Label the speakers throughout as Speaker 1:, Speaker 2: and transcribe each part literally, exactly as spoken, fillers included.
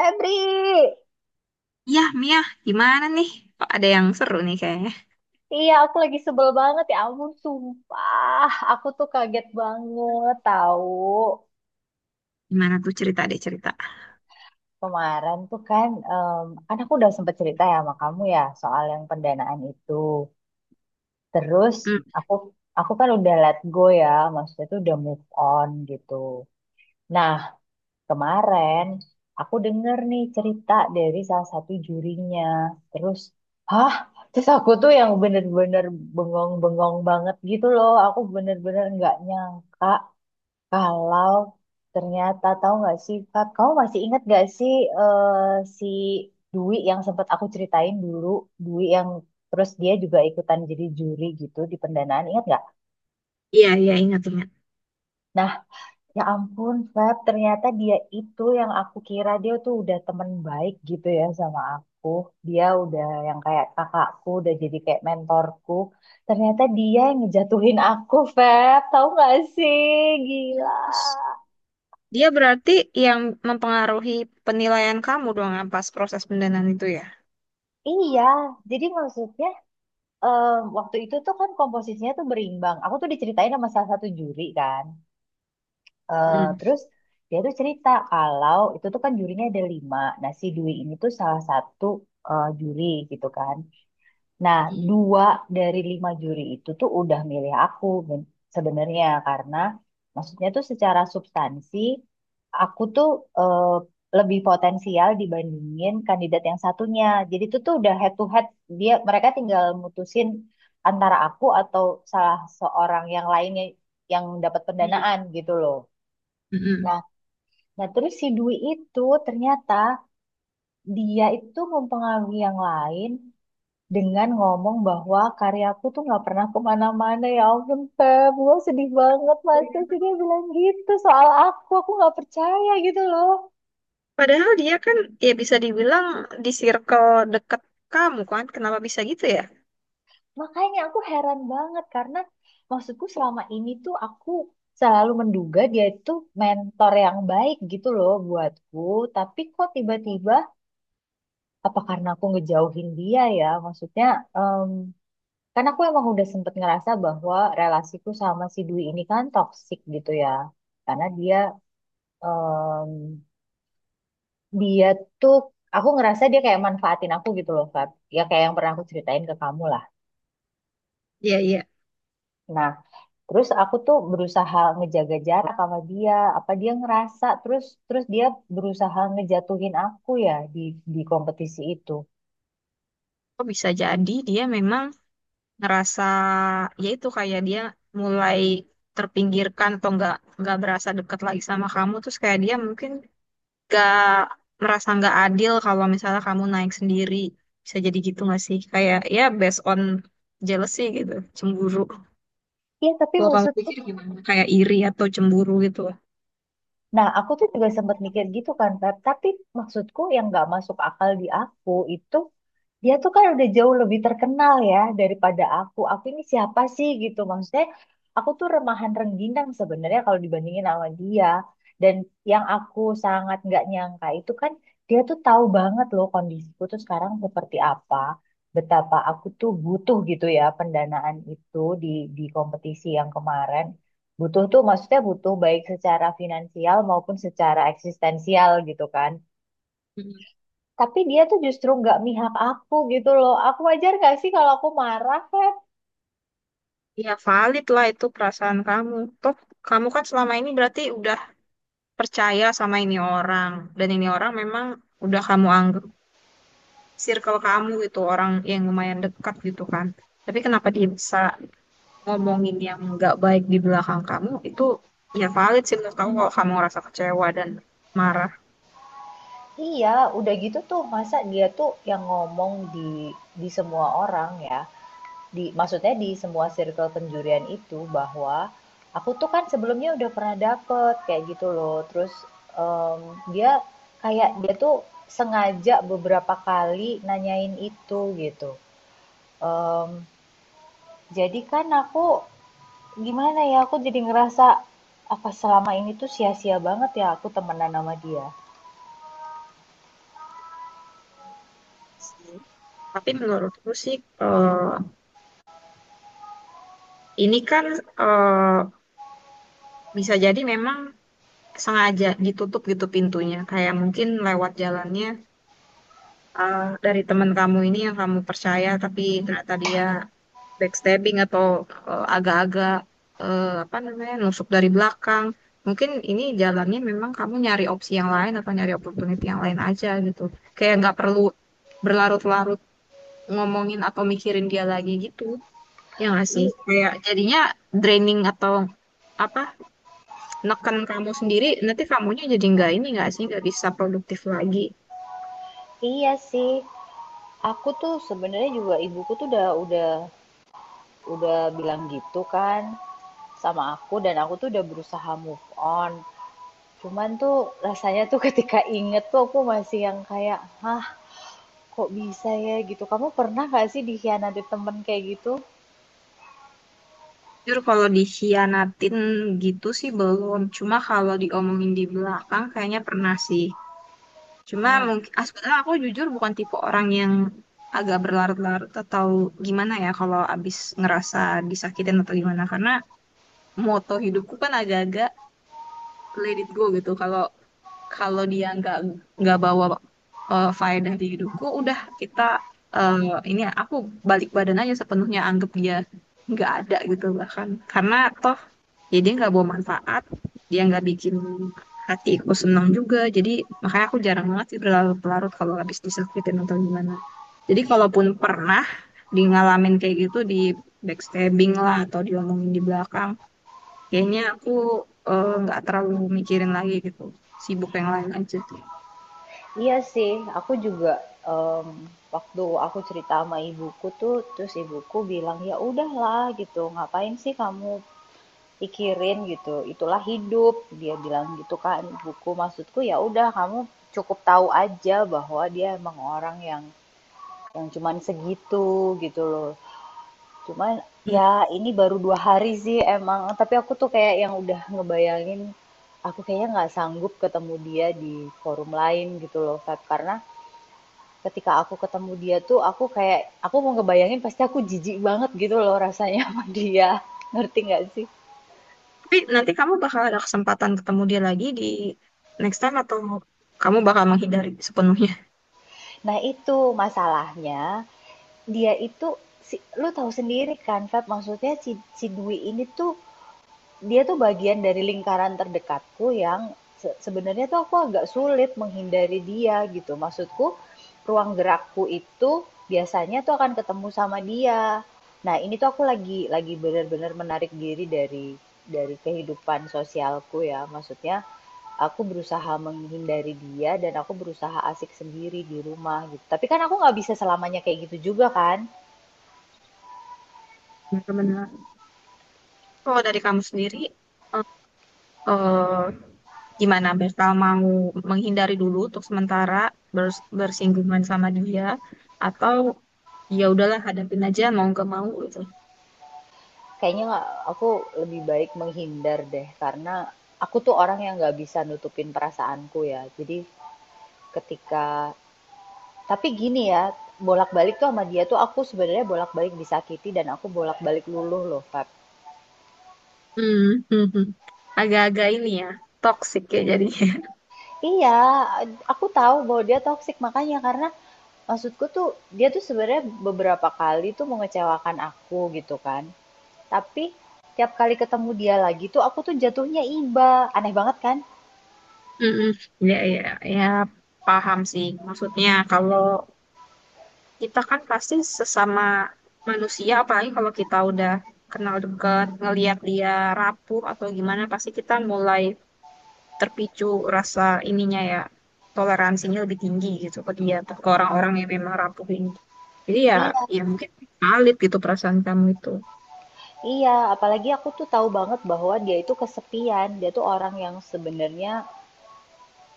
Speaker 1: Febri,
Speaker 2: Iya, Mia, gimana nih? Kok ada yang seru nih kayaknya.
Speaker 1: iya, aku lagi sebel banget, ya ampun, sumpah. Aku tuh kaget banget, tahu,
Speaker 2: Gimana tuh cerita deh cerita.
Speaker 1: kemarin tuh kan em, kan aku udah sempet cerita ya sama kamu ya soal yang pendanaan itu. Terus
Speaker 2: Hmm,
Speaker 1: aku aku kan udah let go ya, maksudnya tuh udah move on gitu. Nah, kemarin aku denger nih cerita dari salah satu jurinya. Terus, hah? Terus aku tuh yang bener-bener bengong-bengong banget gitu loh. Aku bener-bener nggak nyangka kalau ternyata, tahu nggak sih, Kak, kamu masih ingat nggak sih eh, si Dwi yang sempat aku ceritain dulu, Dwi yang terus dia juga ikutan jadi juri gitu di pendanaan, ingat nggak?
Speaker 2: iya, iya, ingat, ingat.
Speaker 1: Nah, ya ampun, Feb, ternyata dia itu yang aku kira dia tuh udah temen baik gitu ya sama aku. Dia udah yang kayak kakakku, udah jadi kayak mentorku. Ternyata dia yang ngejatuhin aku, Feb. Tahu gak sih? Gila.
Speaker 2: Terus, dia berarti yang mempengaruhi penilaian kamu dong yang pas proses pendanaan itu ya?
Speaker 1: Iya, jadi maksudnya em, waktu itu tuh kan komposisinya tuh berimbang. Aku tuh diceritain sama salah satu juri kan. Eh,
Speaker 2: Hmm.
Speaker 1: terus dia tuh cerita kalau itu tuh kan jurinya ada lima. Nah si Dwi ini tuh salah satu eh, juri gitu kan. Nah,
Speaker 2: Hmm.
Speaker 1: dua dari lima juri itu tuh udah milih aku, ben- sebenarnya karena maksudnya tuh secara substansi aku tuh eh, lebih potensial dibandingin kandidat yang satunya. Jadi itu tuh udah head to head, dia mereka tinggal mutusin antara aku atau salah seorang yang lainnya yang dapat
Speaker 2: Hmm.
Speaker 1: pendanaan gitu loh.
Speaker 2: Hmm.
Speaker 1: Nah, nah terus si Dwi itu ternyata dia itu mempengaruhi yang lain dengan ngomong bahwa karyaku tuh nggak pernah kemana-mana. Ya ampun, Feb, gue sedih banget. Masa sih dia bilang gitu soal aku? Aku nggak percaya gitu loh.
Speaker 2: Padahal dia kan, ya bisa dibilang di circle deket kamu kan, kenapa bisa gitu ya?
Speaker 1: Makanya aku heran banget, karena maksudku selama ini tuh aku selalu menduga dia itu mentor yang baik gitu loh buatku. Tapi kok tiba-tiba, apa karena aku ngejauhin dia ya? Maksudnya, em, karena aku emang udah sempet ngerasa bahwa relasiku sama si Dwi ini kan toksik gitu ya, karena dia. Em, dia tuh Aku ngerasa dia kayak manfaatin aku gitu loh, Fat, ya kayak yang pernah aku ceritain ke kamu lah.
Speaker 2: Iya, iya.
Speaker 1: Nah, terus aku tuh berusaha ngejaga jarak sama dia. Apa dia ngerasa, terus terus dia berusaha ngejatuhin aku ya di di kompetisi itu.
Speaker 2: Kok bisa jadi dia memang ngerasa, ya itu kayak dia mulai terpinggirkan atau nggak nggak berasa deket lagi sama kamu, terus kayak dia mungkin nggak merasa nggak adil kalau misalnya kamu naik sendiri. Bisa jadi gitu nggak sih, kayak ya based on jealousy gitu, cemburu.
Speaker 1: Iya tapi
Speaker 2: Kalau kamu
Speaker 1: maksudku,
Speaker 2: pikir gimana, kayak iri atau cemburu gitu.
Speaker 1: nah aku tuh juga sempat mikir gitu kan, Fat, tapi maksudku yang nggak masuk akal di aku itu, dia tuh kan udah jauh lebih terkenal ya daripada aku. Aku ini siapa sih gitu? Maksudnya aku tuh remahan rengginang sebenarnya kalau dibandingin sama dia. Dan yang aku sangat nggak nyangka itu kan, dia tuh tahu banget loh kondisiku tuh sekarang seperti apa. Betapa aku tuh butuh gitu ya pendanaan itu di di kompetisi yang kemarin. Butuh tuh maksudnya butuh baik secara finansial maupun secara eksistensial gitu kan.
Speaker 2: Mm.
Speaker 1: Tapi dia tuh justru nggak mihak aku gitu loh. Aku wajar gak sih kalau aku marah, Feb?
Speaker 2: Ya valid lah itu perasaan kamu, toh kamu kan selama ini berarti udah percaya sama ini orang, dan ini orang memang udah kamu anggap circle kamu gitu, orang yang lumayan dekat gitu kan. Tapi kenapa dia bisa ngomongin yang nggak baik di belakang kamu itu, ya valid sih menurut kamu kalau kamu ngerasa kecewa dan marah.
Speaker 1: Iya, udah gitu tuh. Masa dia tuh yang ngomong di di semua orang ya. Di, maksudnya di semua circle penjurian itu bahwa aku tuh kan sebelumnya udah pernah dapet kayak gitu loh. Terus em, dia kayak dia tuh sengaja beberapa kali nanyain itu gitu. Em, jadi kan aku gimana ya, aku jadi ngerasa, apa selama ini tuh sia-sia banget ya aku temenan sama dia.
Speaker 2: Sih, tapi menurutku sih, eh, ini kan, eh, bisa jadi memang sengaja ditutup gitu pintunya, kayak mungkin lewat jalannya, eh, dari teman kamu ini yang kamu percaya tapi ternyata dia backstabbing atau, eh, agak-agak, eh, apa namanya, nusuk dari belakang. Mungkin ini jalannya memang kamu nyari opsi yang lain atau nyari opportunity yang lain aja gitu. Kayak nggak perlu berlarut-larut ngomongin atau mikirin dia lagi gitu. Ya nggak sih?
Speaker 1: I-
Speaker 2: Kayak jadinya draining atau apa, neken kamu sendiri, nanti kamunya jadi nggak ini, nggak sih, nggak bisa produktif lagi.
Speaker 1: iya sih, aku tuh sebenarnya juga ibuku tuh udah udah udah bilang gitu kan sama aku dan aku tuh udah berusaha move on. Cuman tuh rasanya tuh ketika inget tuh aku masih yang kayak, hah, kok bisa ya gitu. Kamu pernah gak sih dikhianati temen kayak gitu?
Speaker 2: Jujur kalau dikhianatin gitu sih belum. Cuma kalau diomongin di belakang kayaknya pernah sih. Cuma
Speaker 1: Hmm.
Speaker 2: mungkin ah, sebenarnya aku jujur bukan tipe orang yang agak berlarut-larut atau gimana ya kalau abis ngerasa disakitin atau gimana, karena moto hidupku kan agak-agak let it go gitu. Kalau kalau dia nggak nggak bawa, eh, faedah di hidupku, udah kita, eh, ini aku balik badan aja sepenuhnya, anggap dia nggak ada gitu, bahkan karena toh ya dia nggak bawa manfaat, dia nggak bikin hatiku senang juga, jadi makanya aku jarang banget sih berlarut-larut kalau habis disakitin atau gimana. Jadi kalaupun pernah di ngalamin kayak gitu, di backstabbing lah atau diomongin di belakang, kayaknya aku eh, nggak terlalu mikirin lagi gitu. Sibuk yang lain aja.
Speaker 1: Iya sih, aku juga, mmm, waktu aku cerita sama ibuku tuh, terus ibuku bilang, "Ya udahlah," gitu, "ngapain sih kamu pikirin," gitu, "itulah hidup," dia bilang gitu kan ibuku. Maksudku ya udah, kamu cukup tahu aja bahwa dia emang orang yang yang cuman segitu, gitu loh. Cuman ya
Speaker 2: Hmm.
Speaker 1: ini baru dua hari sih emang, tapi aku tuh kayak yang udah ngebayangin, aku kayaknya nggak sanggup ketemu dia di forum lain gitu loh, Kak, karena ketika aku ketemu dia tuh aku kayak, aku mau ngebayangin pasti aku jijik banget gitu loh rasanya sama dia. Ngerti nggak sih?
Speaker 2: Tapi nanti kamu bakal ada kesempatan ketemu dia lagi di next time, atau kamu bakal menghindari sepenuhnya?
Speaker 1: Nah itu masalahnya, dia itu, si, lu tahu sendiri kan Feb, maksudnya si, si Dwi ini tuh dia tuh bagian dari lingkaran terdekatku yang se sebenarnya tuh aku agak sulit menghindari dia gitu. Maksudku, ruang gerakku itu biasanya tuh akan ketemu sama dia. Nah, ini tuh aku lagi lagi benar-benar menarik diri dari dari kehidupan sosialku ya. Maksudnya, aku berusaha menghindari dia dan aku berusaha asik sendiri di rumah gitu. Tapi kan aku nggak bisa selamanya kayak gitu juga kan.
Speaker 2: Benar-benar. Kalau dari kamu sendiri, eh, eh, gimana? Bakal mau menghindari dulu untuk sementara bers- bersinggungan sama dia, atau ya udahlah hadapin aja mau nggak mau gitu.
Speaker 1: Kayaknya nggak, aku lebih baik menghindar deh, karena aku tuh orang yang nggak bisa nutupin perasaanku ya. Jadi ketika, tapi gini ya, bolak-balik tuh sama dia tuh aku sebenarnya bolak-balik disakiti dan aku bolak-balik luluh loh, Feb.
Speaker 2: Hmm, hmm, hmm. Agak-agak ini ya, toxic ya jadi.
Speaker 1: Iya, aku tahu bahwa dia toksik, makanya karena maksudku tuh dia tuh sebenarnya beberapa kali tuh mengecewakan aku gitu kan. Tapi tiap kali ketemu dia lagi tuh aku tuh jatuhnya iba. Aneh banget kan?
Speaker 2: Mm-mm. Ya, ya, ya, paham sih. Maksudnya kalau kita kan pasti sesama manusia, apalagi kalau kita udah kenal dekat ngelihat dia rapuh atau gimana, pasti kita mulai terpicu rasa ininya ya, toleransinya lebih tinggi gitu ke dia, atau ke orang-orang yang memang rapuh ini. Jadi ya,
Speaker 1: Iya,
Speaker 2: ya mungkin valid gitu perasaan kamu itu.
Speaker 1: iya, apalagi aku tuh tahu banget bahwa dia itu kesepian. Dia tuh orang yang sebenarnya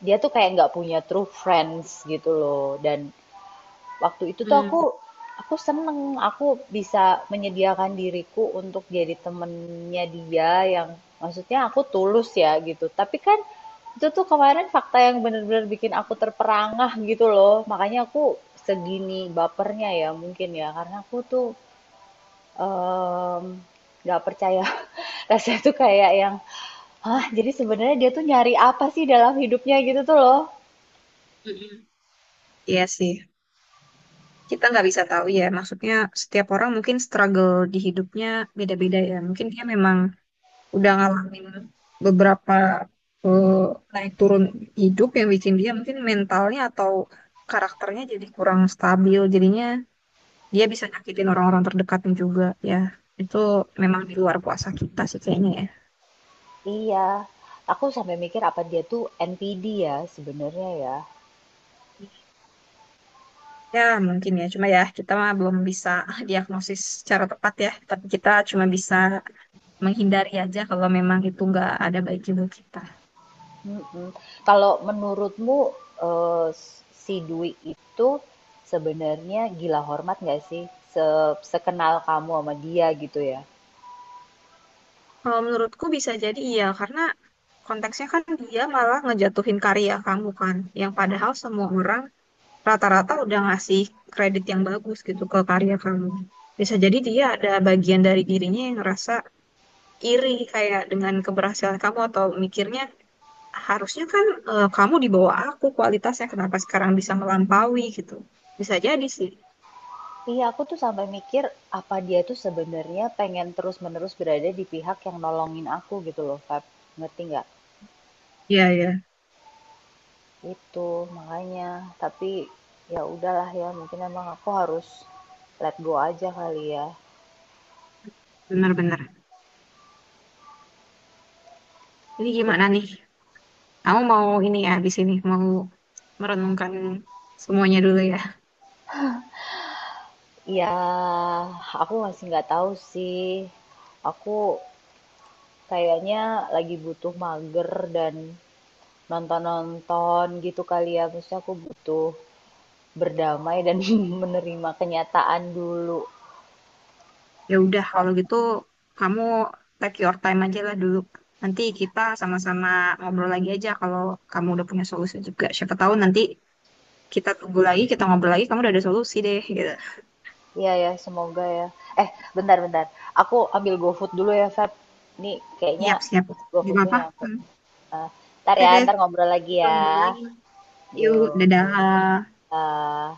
Speaker 1: dia tuh kayak nggak punya true friends gitu loh. Dan waktu itu tuh aku
Speaker 2: Hmm.
Speaker 1: aku seneng aku bisa menyediakan diriku untuk jadi temennya dia yang maksudnya aku tulus ya gitu. Tapi kan itu tuh kemarin fakta yang bener-bener bikin aku terperangah gitu loh. Makanya aku segini bapernya ya mungkin ya karena aku tuh em, nggak percaya. Rasanya tuh kayak yang, hah, jadi sebenarnya dia tuh nyari apa sih dalam hidupnya gitu tuh loh.
Speaker 2: Mm-mm. Iya sih. Kita nggak bisa tahu ya, maksudnya setiap orang mungkin struggle di hidupnya beda-beda ya, mungkin dia memang udah ngalamin beberapa, eh, naik turun hidup yang bikin dia mungkin mentalnya atau karakternya jadi kurang stabil, jadinya dia bisa nyakitin orang-orang terdekatnya juga. Ya itu memang di luar kuasa kita sih kayaknya ya.
Speaker 1: Iya, aku sampai mikir apa dia tuh N P D ya sebenarnya ya.
Speaker 2: Ya mungkin ya, cuma ya kita mah belum bisa diagnosis secara tepat ya, tapi kita cuma bisa menghindari aja kalau memang itu nggak ada baik juga kita.
Speaker 1: Mm-mm. Kalau menurutmu eh, si Dwi itu sebenarnya gila hormat nggak sih? Se- Sekenal kamu sama dia gitu ya.
Speaker 2: Kalau menurutku bisa jadi iya, karena konteksnya kan dia malah ngejatuhin karya kamu kan, yang padahal semua orang rata-rata udah ngasih kredit yang bagus gitu ke karya kamu. Bisa jadi dia ada bagian dari dirinya yang ngerasa iri, kayak dengan keberhasilan kamu, atau mikirnya harusnya kan, eh, kamu di bawah aku kualitasnya, kenapa sekarang bisa melampaui gitu. Bisa jadi sih.
Speaker 1: Iya, aku tuh sampai mikir apa dia tuh sebenarnya pengen terus-menerus berada di pihak yang nolongin aku gitu loh, Feb. Ngerti nggak?
Speaker 2: Iya, iya.
Speaker 1: Itu, makanya. Tapi, ya udahlah ya, mungkin emang aku harus let go aja kali ya.
Speaker 2: Benar-benar. Jadi
Speaker 1: Gitu.
Speaker 2: gimana nih? Kamu mau ini ya, habis ini mau merenungkan semuanya dulu ya.
Speaker 1: Ya, aku masih nggak tahu sih. Aku kayaknya lagi butuh mager dan nonton-nonton gitu kali ya. Maksudnya aku butuh berdamai dan menerima kenyataan dulu.
Speaker 2: Ya udah, kalau gitu kamu take your time aja lah dulu. Nanti kita sama-sama ngobrol lagi aja kalau kamu udah punya solusi juga. Siapa tahu nanti kita tunggu lagi, kita ngobrol lagi, kamu udah ada solusi deh gitu.
Speaker 1: Iya ya, semoga ya. Eh, Bentar-bentar. Aku ambil GoFood dulu ya, Feb. Nih, kayaknya
Speaker 2: Siap, siap. Gak
Speaker 1: GoFoodku
Speaker 2: apa-apa.
Speaker 1: nyampe.
Speaker 2: Hmm.
Speaker 1: Uh, ntar
Speaker 2: Oke
Speaker 1: ya
Speaker 2: deh,
Speaker 1: ntar ngobrol lagi
Speaker 2: kita
Speaker 1: ya,
Speaker 2: ngobrol lagi. Yuk,
Speaker 1: yuk.
Speaker 2: dadah.
Speaker 1: Uh.